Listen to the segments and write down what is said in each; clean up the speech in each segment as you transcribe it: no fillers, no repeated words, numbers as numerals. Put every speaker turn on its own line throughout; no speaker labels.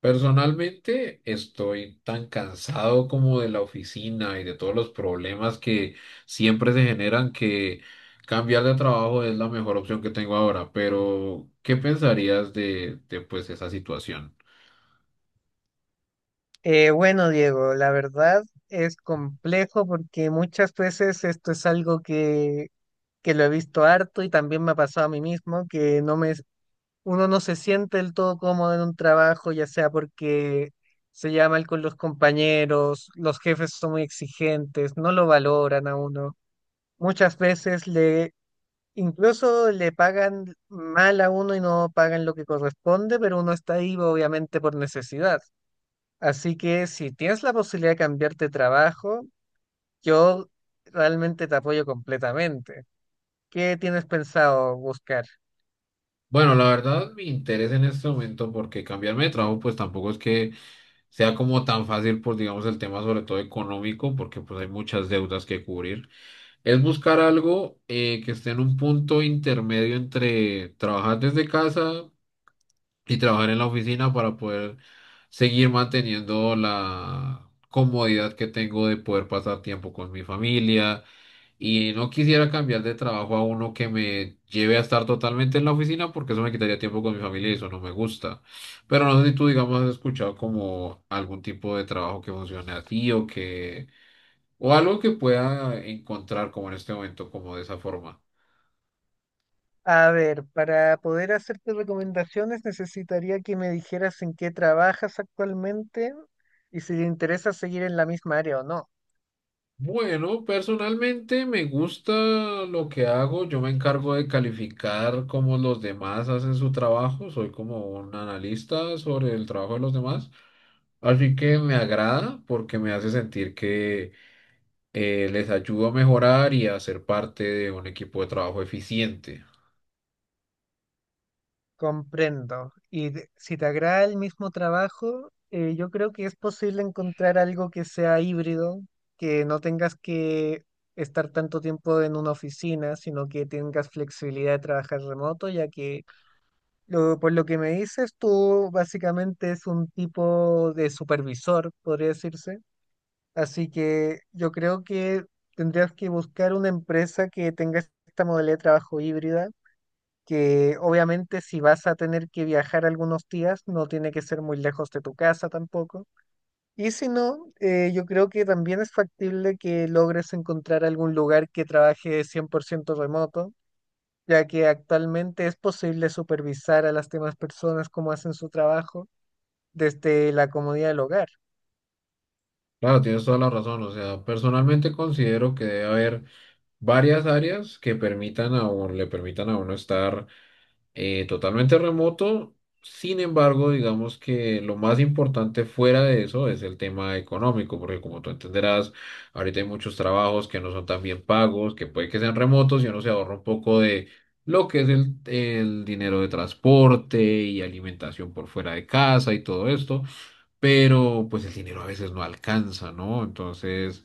Personalmente estoy tan cansado como de la oficina y de todos los problemas que siempre se generan que cambiar de trabajo es la mejor opción que tengo ahora. Pero, ¿qué pensarías de esa situación?
Bueno, Diego, la verdad es complejo porque muchas veces esto es algo que lo he visto harto y también me ha pasado a mí mismo, que no me, uno no se siente del todo cómodo en un trabajo, ya sea porque se llama mal con los compañeros, los jefes son muy exigentes, no lo valoran a uno. Muchas veces le, incluso le pagan mal a uno y no pagan lo que corresponde, pero uno está ahí obviamente por necesidad. Así que si tienes la posibilidad de cambiarte de trabajo, yo realmente te apoyo completamente. ¿Qué tienes pensado buscar?
Bueno, la verdad me interesa en este momento porque cambiarme de trabajo pues tampoco es que sea como tan fácil por, digamos, el tema sobre todo económico, porque pues hay muchas deudas que cubrir. Es buscar algo que esté en un punto intermedio entre trabajar desde casa y trabajar en la oficina para poder seguir manteniendo la comodidad que tengo de poder pasar tiempo con mi familia, y no quisiera cambiar de trabajo a uno que me lleve a estar totalmente en la oficina, porque eso me quitaría tiempo con mi familia y eso no me gusta. Pero no sé si tú, digamos, has escuchado como algún tipo de trabajo que funcione así, o algo que pueda encontrar como en este momento, como de esa forma.
A ver, para poder hacerte recomendaciones necesitaría que me dijeras en qué trabajas actualmente y si te interesa seguir en la misma área o no.
Bueno, personalmente me gusta lo que hago. Yo me encargo de calificar cómo los demás hacen su trabajo. Soy como un analista sobre el trabajo de los demás. Así que me agrada porque me hace sentir que les ayudo a mejorar y a ser parte de un equipo de trabajo eficiente.
Comprendo. Si te agrada el mismo trabajo, yo creo que es posible encontrar algo que sea híbrido, que no tengas que estar tanto tiempo en una oficina, sino que tengas flexibilidad de trabajar remoto, ya que por lo que me dices, tú básicamente es un tipo de supervisor, podría decirse. Así que yo creo que tendrías que buscar una empresa que tenga esta modalidad de trabajo híbrida, que obviamente si vas a tener que viajar algunos días, no tiene que ser muy lejos de tu casa tampoco. Y si no, yo creo que también es factible que logres encontrar algún lugar que trabaje 100% remoto, ya que actualmente es posible supervisar a las demás personas cómo hacen su trabajo desde la comodidad del hogar.
Claro, tienes toda la razón. O sea, personalmente considero que debe haber varias áreas que le permitan a uno estar totalmente remoto. Sin embargo, digamos que lo más importante fuera de eso es el tema económico, porque como tú entenderás, ahorita hay muchos trabajos que no son tan bien pagos, que puede que sean remotos y uno se ahorra un poco de lo que es el dinero de transporte y alimentación por fuera de casa y todo esto. Pero pues el dinero a veces no alcanza, ¿no? Entonces,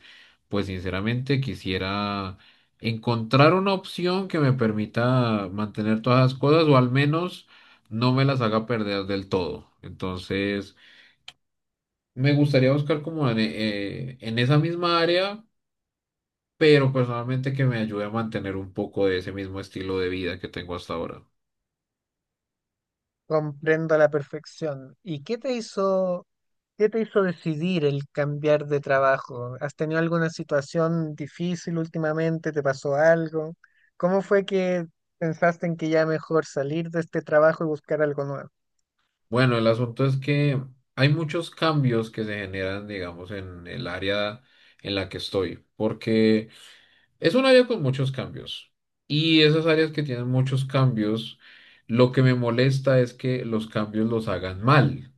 pues sinceramente quisiera encontrar una opción que me permita mantener todas las cosas, o al menos no me las haga perder del todo. Entonces, me gustaría buscar como en esa misma área, pero personalmente que me ayude a mantener un poco de ese mismo estilo de vida que tengo hasta ahora.
Comprendo a la perfección. ¿Y qué te hizo? ¿Qué te hizo decidir el cambiar de trabajo? ¿Has tenido alguna situación difícil últimamente? ¿Te pasó algo? ¿Cómo fue que pensaste en que ya mejor salir de este trabajo y buscar algo nuevo?
Bueno, el asunto es que hay muchos cambios que se generan, digamos, en el área en la que estoy, porque es un área con muchos cambios. Y esas áreas que tienen muchos cambios, lo que me molesta es que los cambios los hagan mal,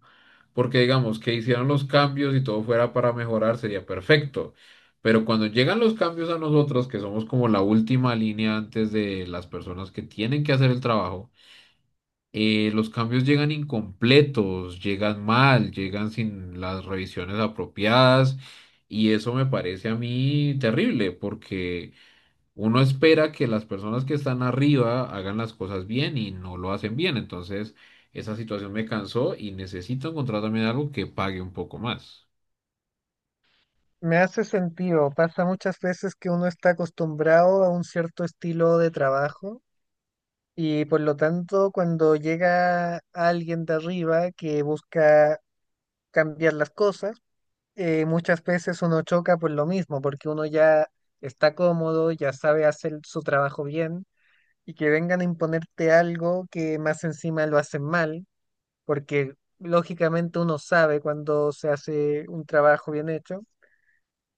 porque digamos que hicieron los cambios y todo fuera para mejorar, sería perfecto. Pero cuando llegan los cambios a nosotros, que somos como la última línea antes de las personas que tienen que hacer el trabajo, los cambios llegan incompletos, llegan mal, llegan sin las revisiones apropiadas, y eso me parece a mí terrible porque uno espera que las personas que están arriba hagan las cosas bien y no lo hacen bien. Entonces, esa situación me cansó y necesito encontrar también algo que pague un poco más.
Me hace sentido. Pasa muchas veces que uno está acostumbrado a un cierto estilo de trabajo y por lo tanto cuando llega alguien de arriba que busca cambiar las cosas, muchas veces uno choca por lo mismo, porque uno ya está cómodo, ya sabe hacer su trabajo bien y que vengan a imponerte algo que más encima lo hacen mal, porque lógicamente uno sabe cuando se hace un trabajo bien hecho,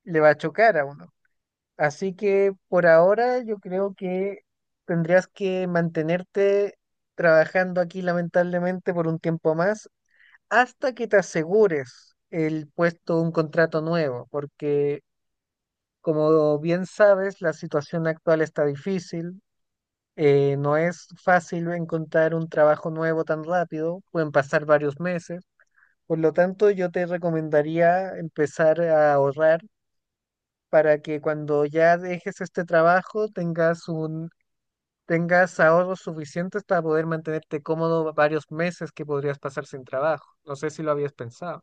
le va a chocar a uno. Así que por ahora yo creo que tendrías que mantenerte trabajando aquí lamentablemente por un tiempo más hasta que te asegures el puesto, un contrato nuevo, porque como bien sabes, la situación actual está difícil. No es fácil encontrar un trabajo nuevo tan rápido, pueden pasar varios meses. Por lo tanto, yo te recomendaría empezar a ahorrar para que cuando ya dejes este trabajo tengas ahorros suficientes para poder mantenerte cómodo varios meses que podrías pasar sin trabajo. No sé si lo habías pensado.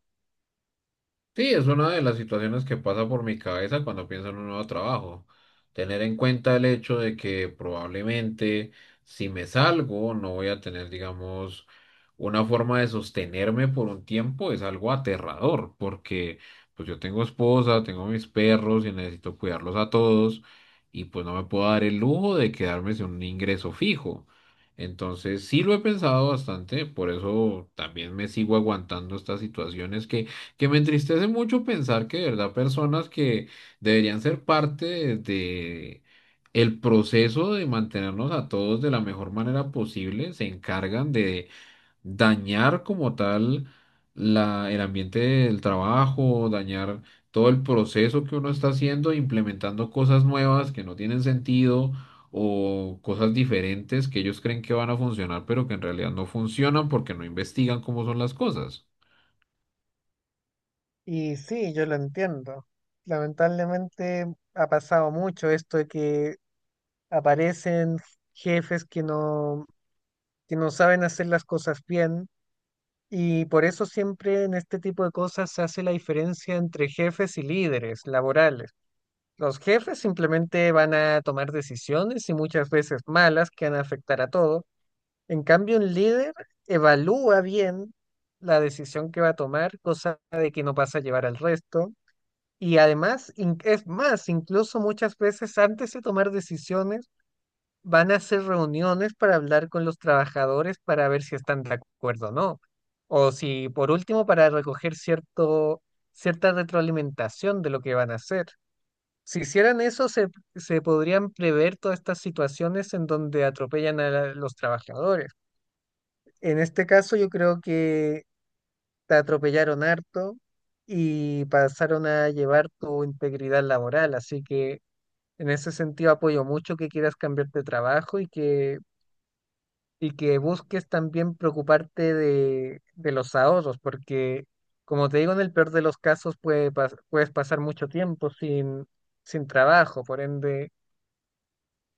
Sí, es una de las situaciones que pasa por mi cabeza cuando pienso en un nuevo trabajo. Tener en cuenta el hecho de que probablemente si me salgo no voy a tener, digamos, una forma de sostenerme por un tiempo, es algo aterrador, porque pues yo tengo esposa, tengo mis perros y necesito cuidarlos a todos, y pues no me puedo dar el lujo de quedarme sin un ingreso fijo. Entonces sí lo he pensado bastante, por eso también me sigo aguantando estas situaciones que me entristece mucho pensar que de verdad personas que deberían ser parte de el proceso de mantenernos a todos de la mejor manera posible, se encargan de dañar como tal el ambiente del trabajo, dañar todo el proceso que uno está haciendo, implementando cosas nuevas que no tienen sentido o cosas diferentes que ellos creen que van a funcionar, pero que en realidad no funcionan porque no investigan cómo son las cosas.
Y sí, yo lo entiendo. Lamentablemente ha pasado mucho esto de que aparecen jefes que no saben hacer las cosas bien y por eso siempre en este tipo de cosas se hace la diferencia entre jefes y líderes laborales. Los jefes simplemente van a tomar decisiones y muchas veces malas que van a afectar a todo. En cambio, un líder evalúa bien la decisión que va a tomar, cosa de que no pasa a llevar al resto. Y además, es más, incluso muchas veces antes de tomar decisiones, van a hacer reuniones para hablar con los trabajadores para ver si están de acuerdo o no. O si, por último, para recoger cierta retroalimentación de lo que van a hacer. Si hicieran eso, se podrían prever todas estas situaciones en donde atropellan a los trabajadores. En este caso, yo creo que te atropellaron harto y pasaron a llevar tu integridad laboral. Así que en ese sentido apoyo mucho que quieras cambiar de trabajo y que busques también preocuparte de los ahorros, porque como te digo, en el peor de los casos puedes pasar mucho tiempo sin trabajo, por ende,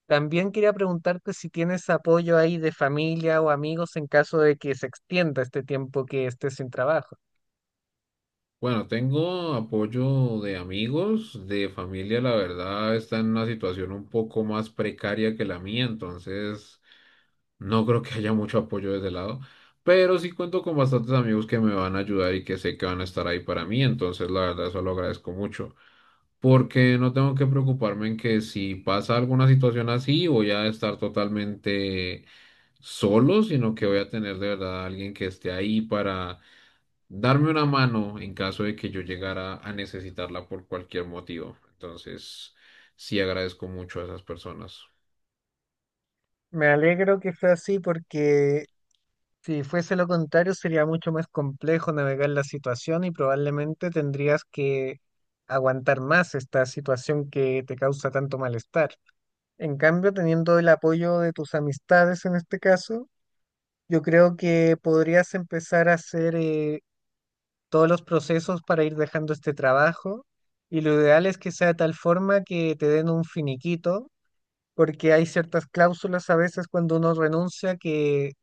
también quería preguntarte si tienes apoyo ahí de familia o amigos en caso de que se extienda este tiempo que estés sin trabajo.
Bueno, tengo apoyo de amigos, de familia. La verdad está en una situación un poco más precaria que la mía, entonces no creo que haya mucho apoyo de ese lado, pero sí cuento con bastantes amigos que me van a ayudar y que sé que van a estar ahí para mí. Entonces la verdad eso lo agradezco mucho, porque no tengo que preocuparme en que si pasa alguna situación así voy a estar totalmente solo, sino que voy a tener de verdad a alguien que esté ahí para darme una mano en caso de que yo llegara a necesitarla por cualquier motivo. Entonces, sí agradezco mucho a esas personas.
Me alegro que fue así porque, si fuese lo contrario, sería mucho más complejo navegar la situación y probablemente tendrías que aguantar más esta situación que te causa tanto malestar. En cambio, teniendo el apoyo de tus amistades en este caso, yo creo que podrías empezar a hacer todos los procesos para ir dejando este trabajo, y lo ideal es que sea de tal forma que te den un finiquito, porque hay ciertas cláusulas a veces cuando uno renuncia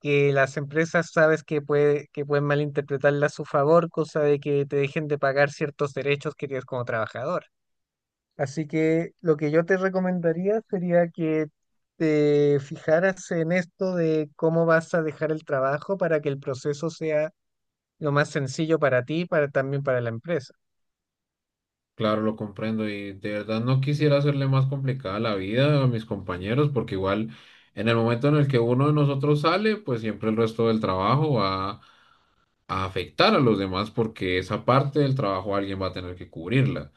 que las empresas sabes que pueden malinterpretarla a su favor, cosa de que te dejen de pagar ciertos derechos que tienes como trabajador. Así que lo que yo te recomendaría sería que te fijaras en esto de cómo vas a dejar el trabajo para que el proceso sea lo más sencillo para ti y también para la empresa.
Claro, lo comprendo y de verdad no quisiera hacerle más complicada la vida a mis compañeros, porque igual en el momento en el que uno de nosotros sale, pues siempre el resto del trabajo va a afectar a los demás, porque esa parte del trabajo alguien va a tener que cubrirla.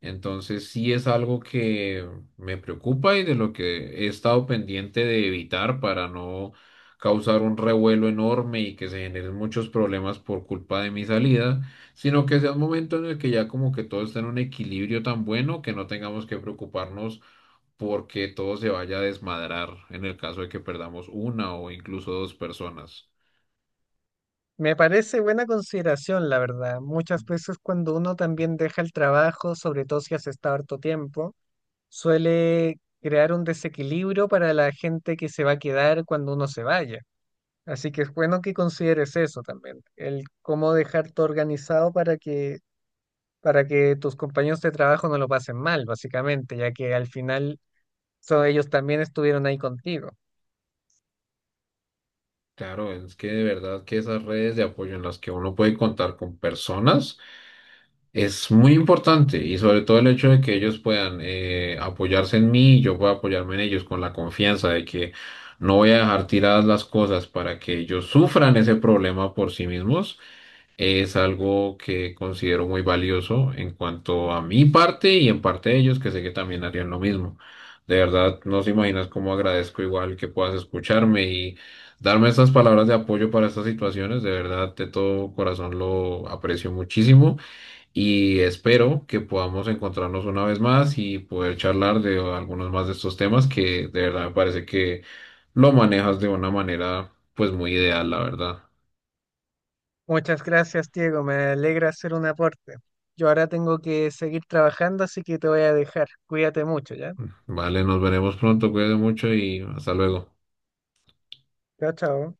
Entonces sí es algo que me preocupa y de lo que he estado pendiente de evitar, para no causar un revuelo enorme y que se generen muchos problemas por culpa de mi salida, sino que sea un momento en el que ya como que todo está en un equilibrio tan bueno que no tengamos que preocuparnos porque todo se vaya a desmadrar en el caso de que perdamos una o incluso dos personas.
Me parece buena consideración, la verdad. Muchas veces cuando uno también deja el trabajo, sobre todo si has estado harto tiempo, suele crear un desequilibrio para la gente que se va a quedar cuando uno se vaya. Así que es bueno que consideres eso también, el cómo dejarte organizado para que tus compañeros de trabajo no lo pasen mal, básicamente, ya que al final ellos también estuvieron ahí contigo.
Claro, es que de verdad que esas redes de apoyo en las que uno puede contar con personas es muy importante, y sobre todo el hecho de que ellos puedan apoyarse en mí y yo pueda apoyarme en ellos con la confianza de que no voy a dejar tiradas las cosas para que ellos sufran ese problema por sí mismos, es algo que considero muy valioso en cuanto a mi parte y en parte de ellos, que sé que también harían lo mismo. De verdad, no se imaginas cómo agradezco igual que puedas escucharme y darme estas palabras de apoyo para estas situaciones. De verdad, de todo corazón lo aprecio muchísimo, y espero que podamos encontrarnos una vez más y poder charlar de algunos más de estos temas, que de verdad me parece que lo manejas de una manera pues muy ideal, la verdad.
Muchas gracias, Diego, me alegra hacer un aporte. Yo ahora tengo que seguir trabajando, así que te voy a dejar. Cuídate mucho, ¿ya?
Vale, nos veremos pronto, cuídate mucho y hasta luego.
Chao, chao.